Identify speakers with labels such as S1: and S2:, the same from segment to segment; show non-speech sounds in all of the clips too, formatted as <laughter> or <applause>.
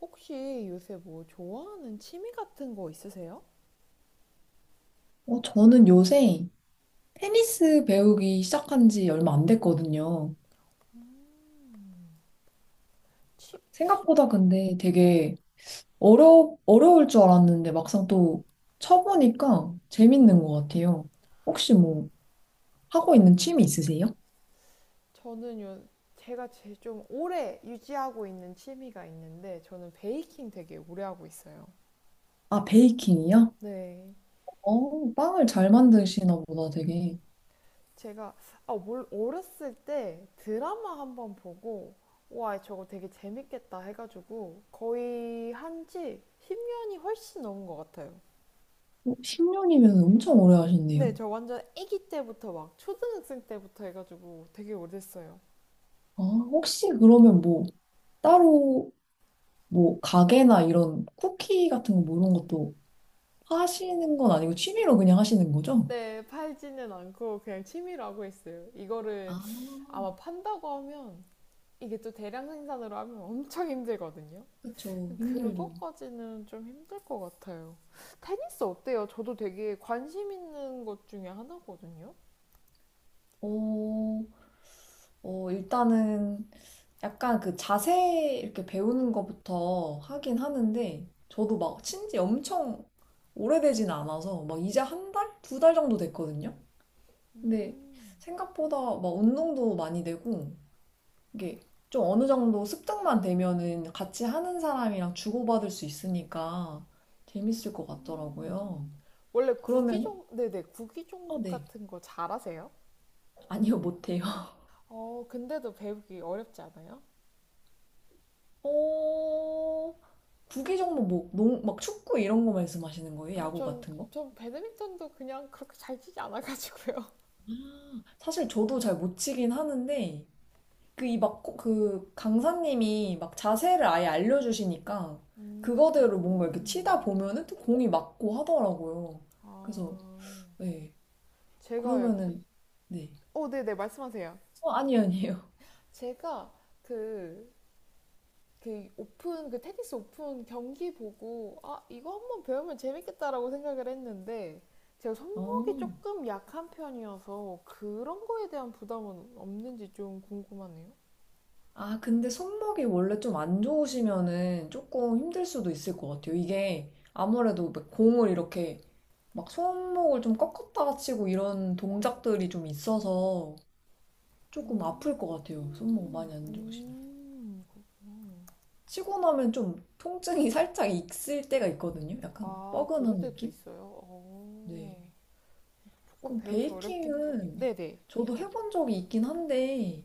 S1: 혹시 요새 뭐 좋아하는 취미 같은 거 있으세요?
S2: 저는 요새 테니스 배우기 시작한 지 얼마 안 됐거든요.
S1: 취,
S2: 생각보다 근데 되게 어려울 줄 알았는데 막상 또 쳐보니까 재밌는 것 같아요. 혹시 뭐 하고 있는 취미 있으세요?
S1: 저는 제가 제 좀 오래 유지하고 있는 취미가 있는데, 저는 베이킹 되게 오래 하고 있어요.
S2: 아, 베이킹이요?
S1: 네.
S2: 빵을 잘 만드시나 보다 되게.
S1: 제가, 어렸을 때 드라마 한번 보고, 와, 저거 되게 재밌겠다 해가지고, 거의 한 지 10년이 훨씬 넘은 것 같아요.
S2: 10년이면 엄청 오래 하셨네요.
S1: 네, 저 완전 아기 때부터 막 초등학생 때부터 해가지고 되게 오래됐어요.
S2: 아, 혹시 그러면 뭐 따로 뭐 가게나 이런 쿠키 같은 거뭐 이런 것도 하시는 건 아니고 취미로 그냥 하시는 거죠?
S1: 네, 팔지는 않고 그냥 취미로 하고 있어요.
S2: 아,
S1: 이거를 아마 판다고 하면 이게 또 대량 생산으로 하면 엄청 힘들거든요.
S2: 그쵸. 힘들죠.
S1: 그거까지는 좀 힘들 것 같아요. 테니스 어때요? 저도 되게 관심 있는 것 중에 하나거든요.
S2: 어, 일단은 약간 그 자세 이렇게 배우는 것부터 하긴 하는데, 저도 막 친지 엄청 오래되진 않아서, 막 이제 한 달? 2달 정도 됐거든요? 근데 생각보다 막 운동도 많이 되고, 이게 좀 어느 정도 습득만 되면은 같이 하는 사람이랑 주고받을 수 있으니까 재밌을 것 같더라고요.
S1: 원래
S2: 그러면
S1: 네네, 구기
S2: 어,
S1: 종목
S2: 네.
S1: 같은 거 잘하세요?
S2: 아니요, 못해요. <laughs>
S1: 어, 근데도 배우기 어렵지 않아요?
S2: 어, 구기 종목 뭐, 막 축구 이런 거 말씀하시는 거예요?
S1: 아니,
S2: 야구 같은 거?
S1: 전 배드민턴도 그냥 그렇게 잘 치지 않아가지고요.
S2: 사실 저도 잘 못 치긴 하는데 그 이 막 그 강사님이 막 자세를 아예 알려주시니까
S1: <laughs> 음,
S2: 그거대로 뭔가 이렇게 치다 보면은 또 공이 맞고 하더라고요.
S1: 아,
S2: 그래서 네.
S1: 제가
S2: 그러면은 네.
S1: 어, 네네, 말씀하세요.
S2: 아니 아니에요.
S1: 제가 그, 그 테니스 오픈 경기 보고, 아, 이거 한번 배우면 재밌겠다라고 생각을 했는데, 제가
S2: <laughs>
S1: 손목이
S2: 어.
S1: 조금 약한 편이어서 그런 거에 대한 부담은 없는지 좀 궁금하네요.
S2: 아, 근데 손목이 원래 좀 안 좋으시면은 조금 힘들 수도 있을 것 같아요. 이게 아무래도 막 공을 이렇게 막 손목을 좀 꺾었다가 치고 이런 동작들이 좀 있어서 조금 아플 것 같아요. 손목
S1: 음,
S2: 많이 안 좋으시면.
S1: 음.
S2: 치고 나면 좀 통증이 <laughs> 살짝 있을 때가 있거든요. 약간
S1: 아, 그럴
S2: 뻐근한
S1: 때도
S2: 느낌?
S1: 있어요.
S2: 네.
S1: 어, 조금
S2: 그럼
S1: 배우기 어렵긴 하겠네요.
S2: 베이킹은
S1: 네네.
S2: 저도 해본 적이 있긴 한데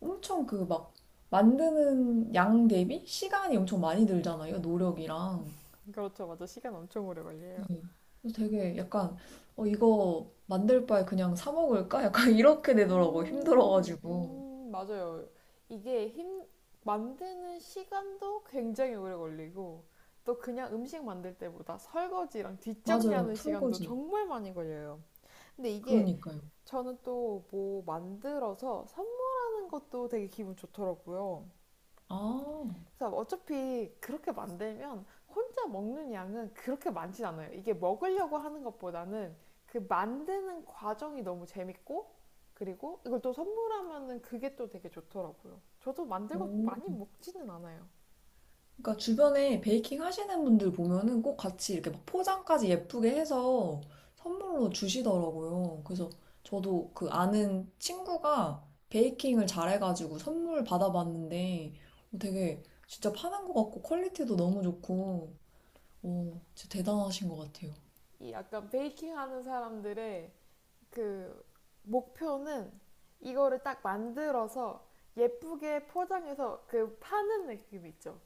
S2: 엄청 그 막 만드는 양 대비 시간이 엄청 많이 들잖아요. 노력이랑.
S1: 그렇죠, 맞아. 시간 엄청 오래 걸려요.
S2: 음. 그래서 되게 약간 이거 만들 바에 그냥 사 먹을까? 약간 <laughs> 이렇게 되더라고 힘들어가지고
S1: 맞아요. 이게 힘, 만드는 시간도 굉장히 오래 걸리고, 또 그냥 음식 만들 때보다 설거지랑
S2: 맞아요
S1: 뒷정리하는 시간도
S2: 설거지
S1: 정말 많이 걸려요. 근데 이게
S2: 그러니까요
S1: 저는 또 뭐 만들어서 선물하는 것도 되게 기분 좋더라고요.
S2: 아
S1: 그래서 어차피 그렇게 만들면 혼자 먹는 양은 그렇게 많진 않아요. 이게 먹으려고 하는 것보다는 그 만드는 과정이 너무 재밌고 그리고 이걸 또 선물하면은 그게 또 되게 좋더라고요. 저도 만들고
S2: 오.
S1: 많이 먹지는 않아요.
S2: 그러니까 주변에 베이킹 하시는 분들 보면은 꼭 같이 이렇게 막 포장까지 예쁘게 해서 선물로 주시더라고요. 그래서 저도 그 아는 친구가 베이킹을 잘해가지고 선물 받아봤는데 되게 진짜 파는 것 같고 퀄리티도 너무 좋고 오 진짜 대단하신 것 같아요.
S1: 이 약간 베이킹 하는 사람들의 그 목표는 이거를 딱 만들어서 예쁘게 포장해서 그 파는 느낌 있죠.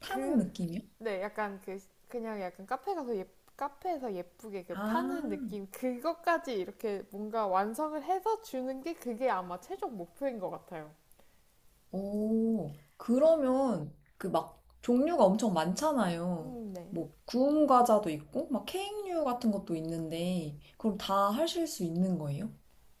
S2: 타는
S1: 그,
S2: 느낌이요?
S1: 네, 약간 그냥 약간 카페에서 예쁘게 그 파는
S2: 아,
S1: 느낌, 그것까지 이렇게 뭔가 완성을 해서 주는 게 그게 아마 최종 목표인 것 같아요.
S2: 오, 그러면 그 막 종류가 엄청 많잖아요.
S1: 네.
S2: 뭐 구운 과자도 있고 막 케이크류 같은 것도 있는데 그럼 다 하실 수 있는 거예요?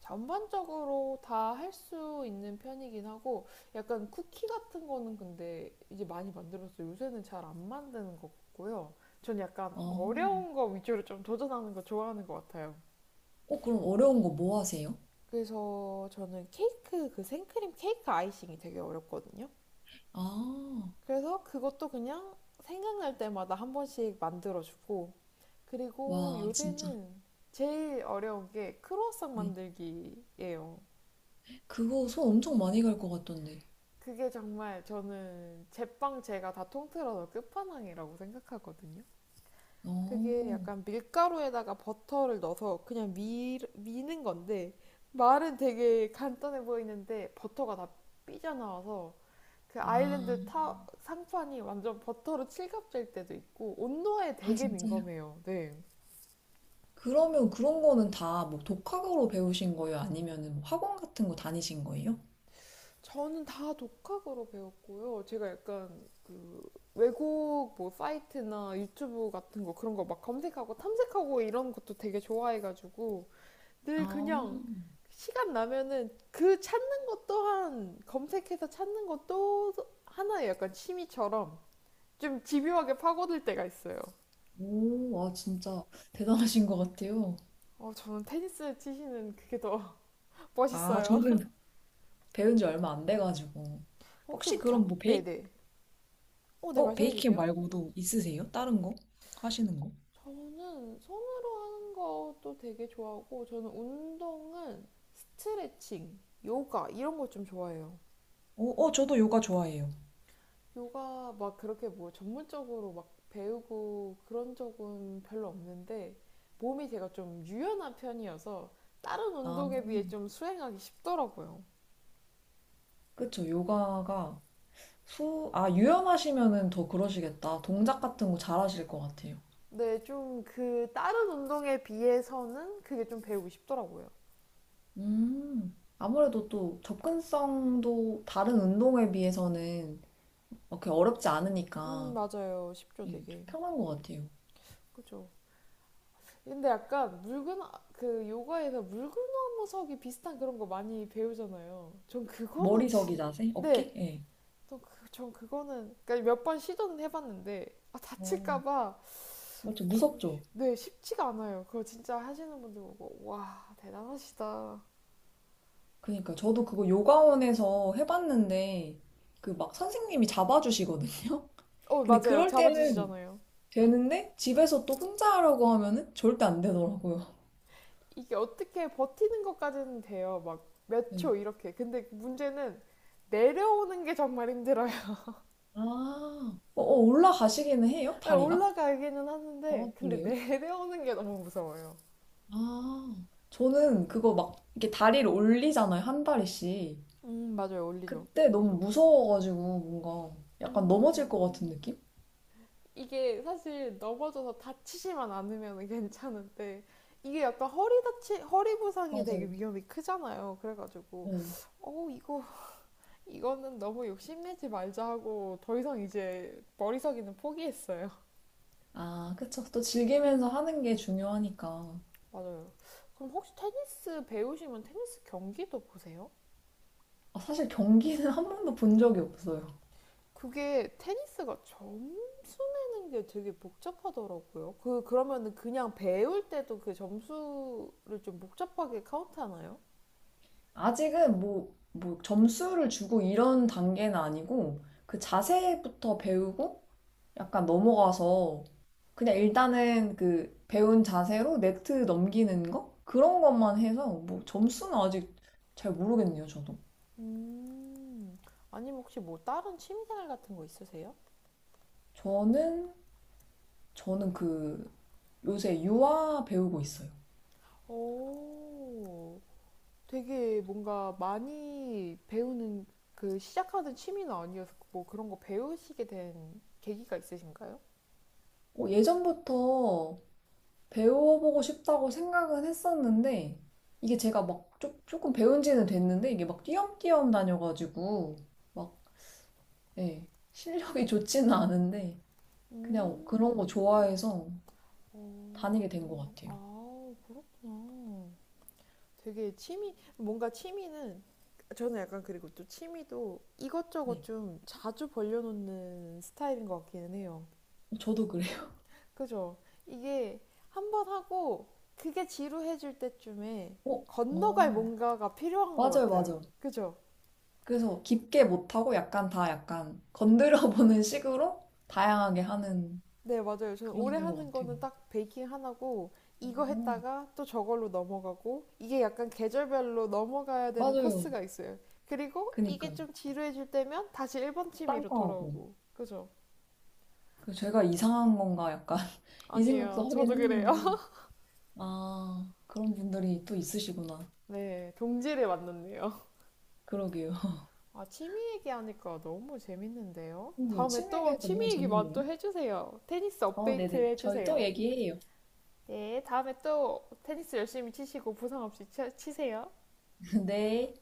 S1: 전반적으로 다 할 수 있는 편이긴 하고, 약간 쿠키 같은 거는 근데 이제 많이 만들어서 요새는 잘 안 만드는 것 같고요. 전 약간
S2: 아,
S1: 어려운 거 위주로 좀 도전하는 거 좋아하는 것 같아요.
S2: 그럼 어려운 거 뭐 하세요?
S1: 그래서 저는 그 생크림 케이크 아이싱이 되게 어렵거든요.
S2: 아,
S1: 그래서 그것도 그냥 생각날 때마다 한 번씩 만들어주고, 그리고
S2: 와, 진짜.
S1: 요새는 제일 어려운 게 크로아상
S2: 네.
S1: 만들기예요.
S2: 그거 손 엄청 많이 갈 것 같던데.
S1: 그게 정말 저는 제빵 제가 다 통틀어서 끝판왕이라고 생각하거든요. 그게
S2: 어,
S1: 약간 밀가루에다가 버터를 넣어서 그냥 미는 건데, 말은 되게 간단해 보이는데 버터가 다 삐져나와서 그
S2: 아,
S1: 아일랜드 타 상판이 완전 버터로 칠갑질 때도 있고 온도에
S2: 아,
S1: 되게
S2: 진짜요?
S1: 민감해요. 네.
S2: 그러면 그런 거는 다 뭐 독학으로 배우신 거예요? 아니면은 뭐 학원 같은 거 다니신 거예요?
S1: 저는 다 독학으로 배웠고요. 제가 약간 그 외국 뭐 사이트나 유튜브 같은 거 그런 거 막 검색하고 탐색하고 이런 것도 되게 좋아해가지고 늘
S2: 아.
S1: 그냥 시간 나면은 그 찾는 것 또한 검색해서 찾는 것도 하나의 약간 취미처럼 좀 집요하게 파고들 때가 있어요.
S2: 오, 와, 진짜 대단하신 것 같아요.
S1: 어, 저는 테니스 치시는 그게 더
S2: 아,
S1: 멋있어요.
S2: 저는
S1: <laughs>
S2: 배운 지 얼마 안 돼가지고.
S1: 혹시
S2: 혹시
S1: 뭐
S2: 그럼 뭐 베이,
S1: 네네. 어, 네
S2: 어,
S1: 말씀해
S2: 베이킹
S1: 주세요.
S2: 말고도 있으세요? 다른 거? 하시는 거?
S1: 저는 손으로 하는 것도 되게 좋아하고 저는 운동은 스트레칭, 요가 이런 거 좀 좋아해요.
S2: 저도 요가 좋아해요.
S1: 요가 막 그렇게 뭐 전문적으로 막 배우고 그런 적은 별로 없는데 몸이 제가 좀 유연한 편이어서 다른
S2: 아,
S1: 운동에 비해 좀 수행하기 쉽더라고요.
S2: 그쵸. 요가가 아, 유연하시면은 더 그러시겠다. 동작 같은 거 잘하실 것 같아요.
S1: 네, 좀 그 다른 운동에 비해서는 그게 좀 배우기 쉽더라고요.
S2: 아무래도 또 접근성도 다른 운동에 비해서는 그렇게 어렵지 않으니까
S1: 맞아요. 쉽죠,
S2: 예, 좀
S1: 되게.
S2: 편한 것 같아요.
S1: 그죠. 근데 약간 물구나 그 요가에서 물구나무서기 비슷한 그런 거 많이 배우잖아요. 전
S2: 머리
S1: 그거는
S2: 서기
S1: 진
S2: 자세? 어깨?
S1: 네.
S2: 예.
S1: 전 그거는 그러니까 몇 번 시도는 해봤는데 아,
S2: 어,
S1: 다칠까 봐
S2: 맞죠.
S1: 어
S2: 무섭죠.
S1: 네 쉽지가 않아요. 그거 진짜 하시는 분들 보고 와 대단하시다.
S2: 그러니까 저도 그거 요가원에서 해봤는데 그 막 선생님이 잡아주시거든요. <laughs>
S1: 어
S2: 근데
S1: 맞아요
S2: 그럴 때는
S1: 잡아주시잖아요.
S2: 되는데 집에서 또 혼자 하라고 하면은 절대 안 되더라고요.
S1: 이게 어떻게 버티는 것까지는 돼요. 막 몇
S2: 네.
S1: 초 이렇게. 근데 문제는 내려오는 게 정말 힘들어요.
S2: 아, 올라가시기는 해요?
S1: 아니,
S2: 다리가?
S1: 올라가기는
S2: 아
S1: 하는데 근데
S2: 그래요?
S1: <laughs> 내려오는 게 너무 무서워요.
S2: 아, 저는 그거 막 이렇게 다리를 올리잖아요. 한 다리씩.
S1: 맞아요 올리죠.
S2: 그때 너무 무서워가지고 뭔가 약간 넘어질
S1: 음
S2: 것 같은 느낌?
S1: 이게 사실 넘어져서 다치지만 않으면 <laughs> 괜찮은데 이게 약간 허리 부상이 되게
S2: 맞아요.
S1: 위험이 크잖아요. 그래가지고
S2: 네.
S1: 어 이거는 너무 욕심내지 말자 하고 더 이상 이제 머리서기는 포기했어요.
S2: 아, 그쵸. 또 즐기면서 하는 게 중요하니까.
S1: 맞아요. 그럼 혹시 테니스 배우시면 테니스 경기도 보세요?
S2: 아, 사실 경기는 <laughs> 한 번도 본 적이 없어요.
S1: 그게 테니스가 점수 내는 게 되게 복잡하더라고요. 그 그러면은 그냥 배울 때도 그 점수를 좀 복잡하게 카운트하나요?
S2: 아직은 뭐 점수를 주고 이런 단계는 아니고 그 자세부터 배우고 약간 넘어가서 그냥 일단은 그 배운 자세로 네트 넘기는 거? 그런 것만 해서 뭐 점수는 아직 잘 모르겠네요, 저도.
S1: 음. 아니면 혹시 뭐 다른 취미생활 같은 거 있으세요?
S2: 저는, 저는 그 요새 유아 배우고 있어요.
S1: 오. 되게 뭔가 많이 배우는 그 시작하는 취미는 아니어서 뭐 그런 거 배우시게 된 계기가 있으신가요?
S2: 예전부터 배워보고 싶다고 생각은 했었는데 이게 제가 막 조금 배운 지는 됐는데 이게 막 띄엄띄엄 다녀가지고 막 예, 실력이 좋지는 않은데 그냥
S1: 음.
S2: 그런 거 좋아해서
S1: 오.
S2: 다니게 된 것 같아요.
S1: 아, 그렇구나. 되게 취미 뭔가 취미는 저는 약간 그리고 또 취미도
S2: 네,
S1: 이것저것 좀 자주 벌려놓는 스타일인 것 같기는 해요.
S2: 저도 그래요.
S1: 그죠? 이게 한번 하고 그게 지루해질 때쯤에
S2: <laughs> 어,
S1: 건너갈
S2: 어,
S1: 뭔가가 필요한 것
S2: 맞아요,
S1: 같아요.
S2: 맞아요.
S1: 그죠?
S2: 그래서 깊게 못하고 약간 다 약간 건드려보는 식으로 다양하게 하는
S1: 네, 맞아요. 저는
S2: 그런
S1: 오래
S2: 것
S1: 하는
S2: 같아요.
S1: 거는 딱 베이킹 하나고 이거
S2: 어,
S1: 했다가 또 저걸로 넘어가고 이게 약간 계절별로 넘어가야 되는
S2: 맞아요.
S1: 코스가 있어요. 그리고 이게
S2: 그니까요.
S1: 좀 지루해질 때면 다시 1번 취미로
S2: 딴거 하고.
S1: 돌아오고. 그죠?
S2: 그 제가 이상한 건가 약간 <laughs> 이 생각도
S1: 아니에요.
S2: 하긴
S1: 저도 그래요.
S2: 했는데
S1: <laughs>
S2: 아 그런 분들이 또 있으시구나
S1: 네, 동지를 만났네요.
S2: 그러게요 <laughs>
S1: 아, 취미 얘기하니까 너무 재밌는데요? 다음에
S2: 취미
S1: 또
S2: 얘기하니까
S1: 취미
S2: 너무
S1: 얘기만 또
S2: 재밌네요.
S1: 해주세요. 테니스
S2: 어
S1: 업데이트
S2: 네네 저희 또
S1: 해주세요.
S2: 얘기해요
S1: 네, 다음에 또 테니스 열심히 치시고 부상 없이 치, 치세요.
S2: <laughs> 네